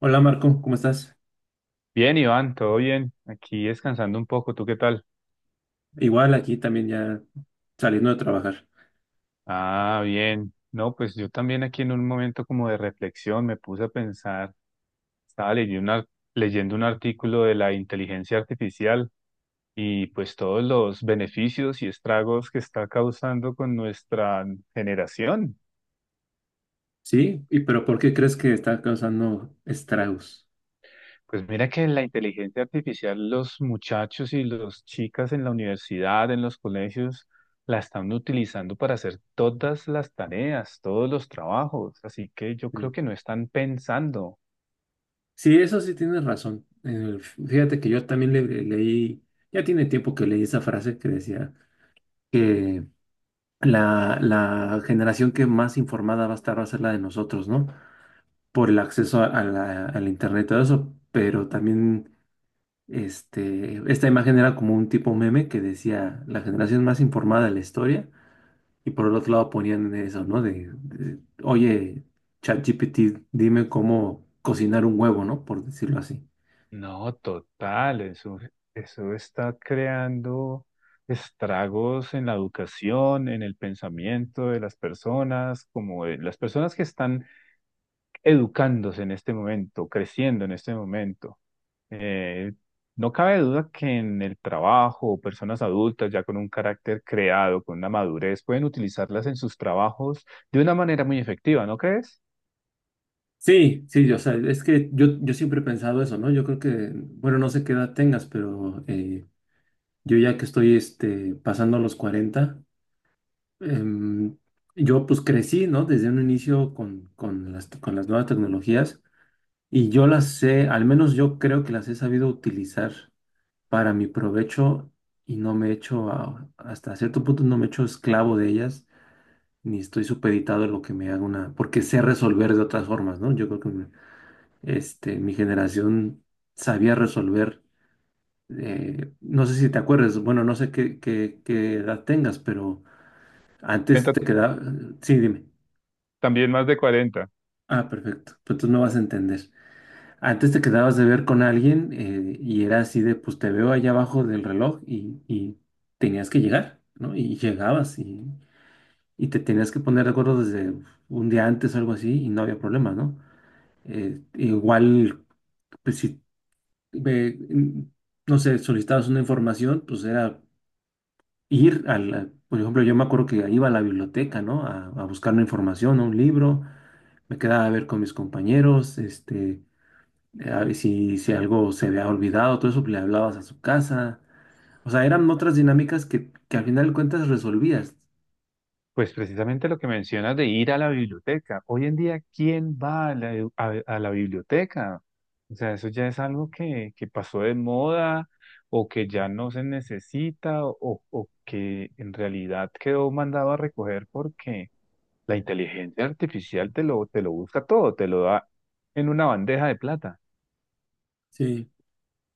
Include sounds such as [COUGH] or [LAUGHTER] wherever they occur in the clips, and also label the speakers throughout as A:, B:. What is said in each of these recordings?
A: Hola Marco, ¿cómo estás?
B: Bien, Iván, todo bien. Aquí descansando un poco, ¿tú qué tal?
A: Igual aquí también ya saliendo de trabajar.
B: Ah, bien. No, pues yo también aquí en un momento como de reflexión me puse a pensar, estaba leyendo un artículo de la inteligencia artificial y pues todos los beneficios y estragos que está causando con nuestra generación.
A: Sí, ¿pero ¿por qué crees que está causando estragos?
B: Pues mira que la inteligencia artificial, los muchachos y las chicas en la universidad, en los colegios, la están utilizando para hacer todas las tareas, todos los trabajos. Así que yo creo
A: Sí,
B: que no están pensando.
A: sí, eso sí tienes razón. Fíjate que yo también leí, ya tiene tiempo que leí esa frase que decía que la generación que más informada va a estar va a ser la de nosotros, ¿no? Por el acceso a al internet y todo eso, pero también esta imagen era como un tipo meme que decía la generación más informada de la historia. Y por el otro lado ponían eso, ¿no? Oye, ChatGPT, dime cómo cocinar un huevo, ¿no? Por decirlo así.
B: No, total, eso está creando estragos en la educación, en el pensamiento de las personas, como de las personas que están educándose en este momento, creciendo en este momento. Eh, no cabe duda que en el trabajo, personas adultas ya con un carácter creado, con una madurez, pueden utilizarlas en sus trabajos de una manera muy efectiva, ¿no crees?
A: Sí, sí, o sea, es que yo siempre he pensado eso, ¿no? Yo creo que, bueno, no sé qué edad tengas, pero yo ya que estoy pasando los 40 em, yo pues crecí, ¿no? Desde un inicio con con las nuevas tecnologías y yo las sé, al menos yo creo que las he sabido utilizar para mi provecho y no me he hecho, hasta cierto punto no me he hecho esclavo de ellas, ni estoy supeditado a lo que me haga una, porque sé resolver de otras formas, ¿no? Yo creo que mi generación sabía resolver. No sé si te acuerdas, bueno, no sé qué edad tengas, pero antes
B: 40,
A: te quedaba, sí, dime.
B: también más de 40.
A: Ah, perfecto, pues tú me vas a entender. Antes te quedabas de ver con alguien, y era así de, pues te veo allá abajo del reloj y tenías que llegar, ¿no? Y llegabas y te tenías que poner de acuerdo desde un día antes o algo así y no había problema, ¿no? Igual, pues si, eh, n- no sé, solicitabas una información, pues era ir a la, por ejemplo, yo me acuerdo que iba a la biblioteca, ¿no? A buscar una información, a un libro, me quedaba a ver con mis compañeros, si, si algo se había olvidado, todo eso, pues, le hablabas a su casa. O sea, eran otras dinámicas que al final de cuentas resolvías.
B: Pues precisamente lo que mencionas de ir a la biblioteca. Hoy en día, ¿quién va a la biblioteca? O sea, eso ya es algo que pasó de moda o que ya no se necesita o que en realidad quedó mandado a recoger porque la inteligencia artificial te lo busca todo, te lo da en una bandeja de plata.
A: Sí,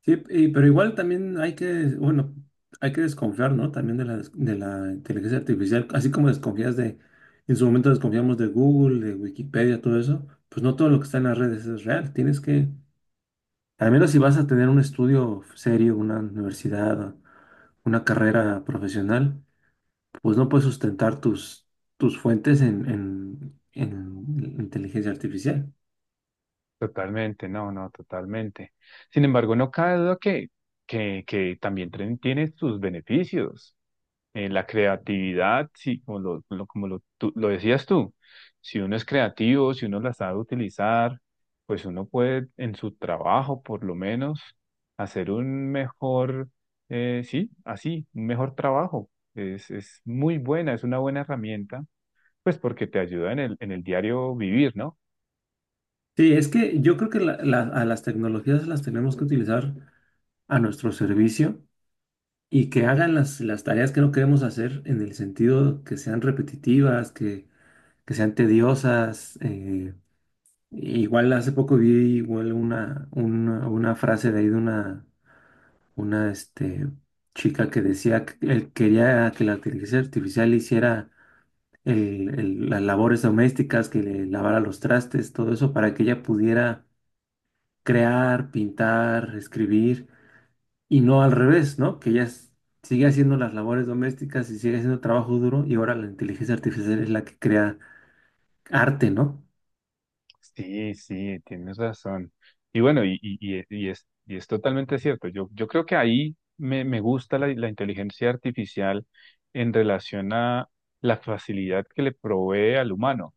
A: sí, y- pero igual también hay que, bueno, hay que desconfiar, ¿no? También de la inteligencia artificial, así como desconfías de, en su momento desconfiamos de Google, de Wikipedia, todo eso, pues no todo lo que está en las redes es real. Tienes que, al menos si vas a tener un estudio serio, una universidad, una carrera profesional, pues no puedes sustentar tus fuentes en inteligencia artificial.
B: Totalmente, totalmente. Sin embargo, no cabe duda que también tiene sus beneficios. En la creatividad, sí, como lo- como lo, tú- lo decías tú, si uno es creativo, si uno la sabe utilizar, pues uno puede en su trabajo, por lo menos, hacer un un mejor trabajo. Es muy buena, es una buena herramienta. Pues porque te ayuda en el diario vivir, ¿no?
A: Sí, es que yo creo que a las tecnologías las tenemos que utilizar a nuestro servicio y que hagan las tareas que no queremos hacer en el sentido que sean repetitivas, que sean tediosas. Igual hace poco vi igual una frase de ahí de una chica que decía que él quería que la inteligencia artificial hiciera las labores domésticas, que le lavara los trastes, todo eso, para que ella pudiera crear, pintar, escribir, y no al revés, ¿no? Que sigue haciendo las labores domésticas y sigue haciendo trabajo duro, y ahora la inteligencia artificial es la que crea arte, ¿no?
B: Sí, sí, tienes razón. Y bueno, y es totalmente cierto. Yo creo que ahí me gusta la inteligencia artificial en relación a la facilidad que le provee al humano.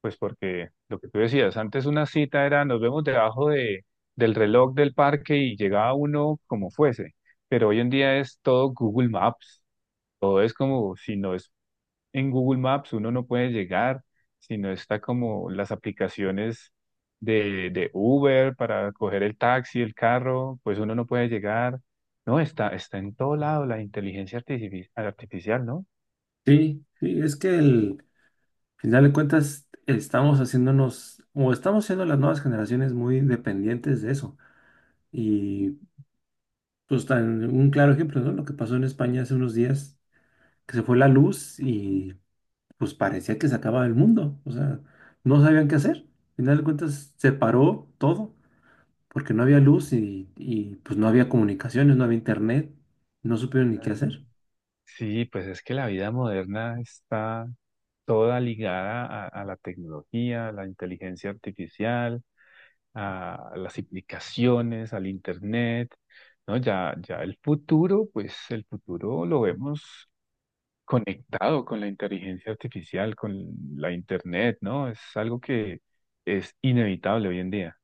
B: Pues porque lo que tú decías, antes una cita era nos vemos debajo de, del reloj del parque y llegaba uno como fuese. Pero hoy en día es todo Google Maps. Todo es como si no es en Google Maps uno no puede llegar, sino está como las aplicaciones de Uber para coger el taxi, el carro, pues uno no puede llegar. No, está en todo lado la inteligencia artificial, ¿no?
A: Sí, sí, es que el al final de cuentas estamos haciéndonos, o estamos siendo las nuevas generaciones muy dependientes de eso. Y pues tan un claro ejemplo, ¿no? Lo que pasó en España hace unos días, que se fue la luz y pues parecía que se acababa el mundo. O sea, no sabían qué hacer. Al final de cuentas, se paró todo, porque no había luz pues no había comunicaciones, no había internet, no supieron ni qué
B: Ah.
A: hacer.
B: Sí, pues es que la vida moderna está toda ligada a la tecnología, a la inteligencia artificial, a las aplicaciones, al internet, ¿no? Ya el futuro, pues el futuro lo vemos conectado con la inteligencia artificial, con la internet, ¿no? Es algo que es inevitable hoy en día.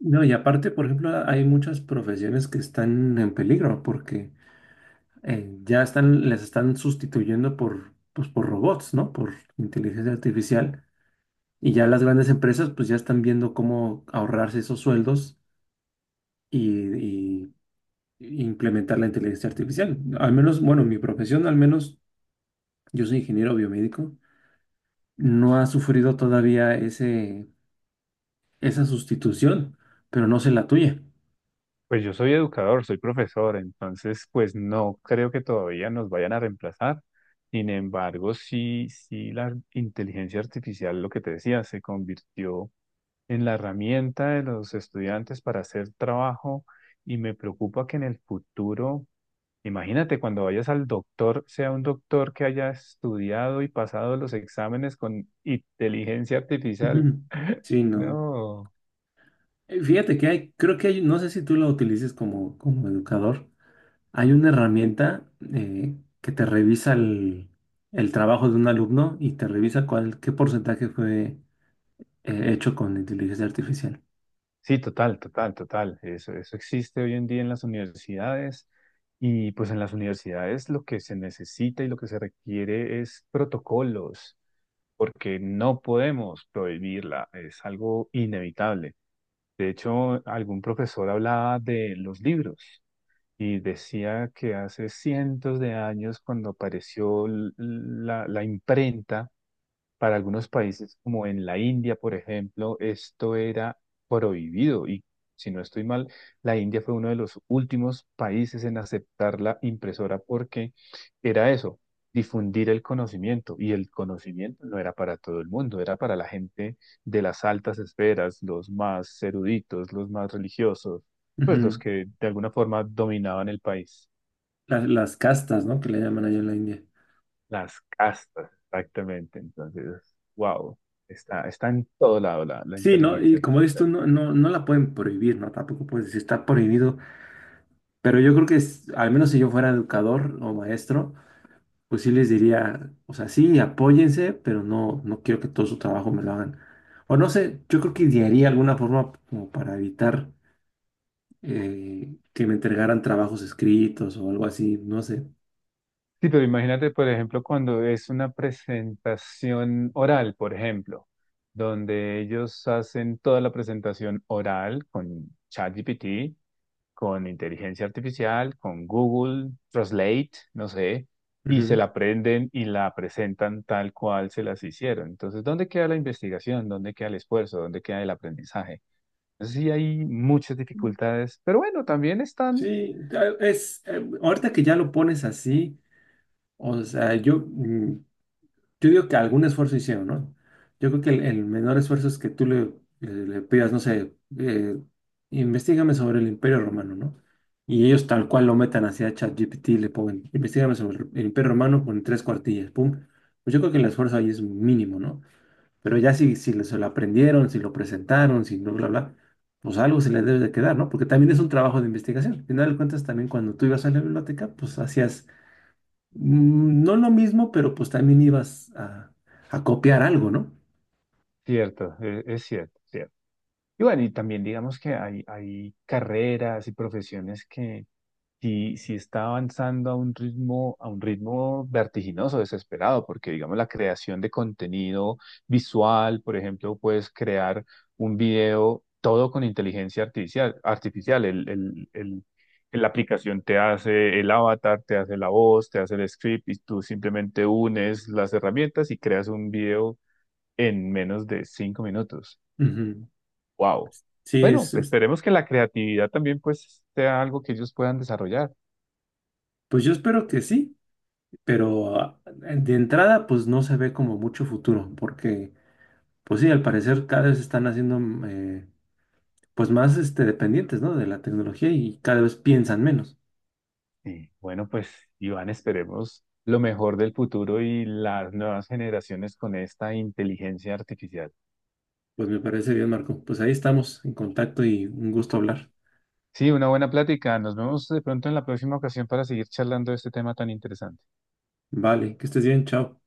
A: No, y aparte, por ejemplo, hay muchas profesiones que están en peligro porque ya están, les están sustituyendo por, pues, por robots, ¿no? Por inteligencia artificial. Y ya las grandes empresas pues ya están viendo cómo ahorrarse esos sueldos y implementar la inteligencia artificial. Al menos, bueno, mi profesión, al menos yo soy ingeniero biomédico, no ha sufrido todavía esa sustitución, pero no sé la tuya.
B: Pues yo soy educador, soy profesor, entonces pues no creo que todavía nos vayan a reemplazar. Sin embargo, sí la inteligencia artificial, lo que te decía, se convirtió en la herramienta de los estudiantes para hacer trabajo y me preocupa que en el futuro. Imagínate cuando vayas al doctor, sea un doctor que haya estudiado y pasado los exámenes con inteligencia
A: [LAUGHS]
B: artificial.
A: Ujú. Sí, no.
B: No.
A: Fíjate que hay, creo que hay, no sé si tú lo utilices como, como educador, hay una herramienta que te revisa el trabajo de un alumno y te revisa cuál, qué porcentaje fue hecho con inteligencia artificial.
B: Sí, total, total, total. Eso existe hoy en día en las universidades. Y pues en las universidades lo que se necesita y lo que se requiere es protocolos, porque no podemos prohibirla, es algo inevitable. De hecho, algún profesor hablaba de los libros. Y decía que hace cientos de años, cuando apareció la imprenta, para algunos países, como en la India, por ejemplo, esto era prohibido y, si no estoy mal, la India fue uno de los últimos países en aceptar la impresora porque era eso, difundir el conocimiento y el conocimiento no era para todo el mundo, era para la gente de las altas esferas, los más eruditos, los más religiosos, pues los
A: Ujú.
B: que de alguna forma dominaban el país.
A: Las castas, ¿no? Que le llaman allá en la India.
B: Las castas, exactamente. Entonces, wow, está en todo lado la
A: Sí, ¿no? Y
B: inteligencia
A: como dices tú,
B: artificial.
A: no, no, no la pueden prohibir, ¿no? Tampoco puedes decir está prohibido, pero yo creo que es- al menos si yo fuera educador o maestro, pues sí les diría, o sea, sí, apóyense, pero no, no quiero que todo su trabajo me lo hagan. O no sé, yo creo que idearía alguna forma como para evitar que me entregaran trabajos escritos o algo así, no sé.
B: Sí, pero imagínate, por ejemplo, cuando es una presentación oral, por ejemplo, donde ellos hacen toda la presentación oral con ChatGPT, con inteligencia artificial, con Google Translate, no sé, y se
A: Ujú.
B: la aprenden y la presentan tal cual se las hicieron. Entonces, ¿dónde queda la investigación? ¿Dónde queda el esfuerzo? ¿Dónde queda el aprendizaje? Sí hay muchas dificultades, pero bueno, también están.
A: Sí, ahorita que ya lo pones así, o sea, yo, yo digo que algún esfuerzo hicieron, ¿no? Yo creo que el menor esfuerzo es que tú le pidas, no sé, investígame sobre el Imperio Romano, ¿no? Y ellos tal cual lo metan hacia ChatGPT, le ponen, investígame sobre el Imperio Romano con 3 cuartillas, pum. Pues yo creo que el esfuerzo ahí es mínimo, ¿no? Pero ya si, se lo aprendieron, si lo presentaron, si no, bla, bla, pues algo se les debe de quedar, ¿no? Porque también es un trabajo de investigación. Al final de cuentas, también cuando tú ibas a la biblioteca, pues hacías, mm, no lo mismo, pero pues también ibas a copiar algo, ¿no?
B: Cierto, cierto, cierto. Y bueno, y también digamos que hay carreras y profesiones que, si está avanzando a un ritmo vertiginoso, desesperado, porque digamos la creación de contenido visual, por ejemplo, puedes crear un video todo con inteligencia artificial. La aplicación te hace el avatar, te hace la voz, te hace el script y tú simplemente unes las herramientas y creas un video en menos de 5 minutos.
A: Ujú.
B: ¡Wow!
A: Sí,
B: Bueno,
A: es-
B: esperemos que la creatividad también pues sea algo que ellos puedan desarrollar.
A: pues yo espero que sí, pero de entrada pues no se ve como mucho futuro, porque pues sí, al parecer cada vez están haciendo pues más dependientes, ¿no? De la tecnología y cada vez piensan menos.
B: Sí, bueno, pues Iván, esperemos lo mejor del futuro y las nuevas generaciones con esta inteligencia artificial.
A: Pues me parece bien, Marco. Pues ahí estamos en contacto y un gusto hablar.
B: Sí, una buena plática. Nos vemos de pronto en la próxima ocasión para seguir charlando de este tema tan interesante.
A: Vale, que estés bien, chao.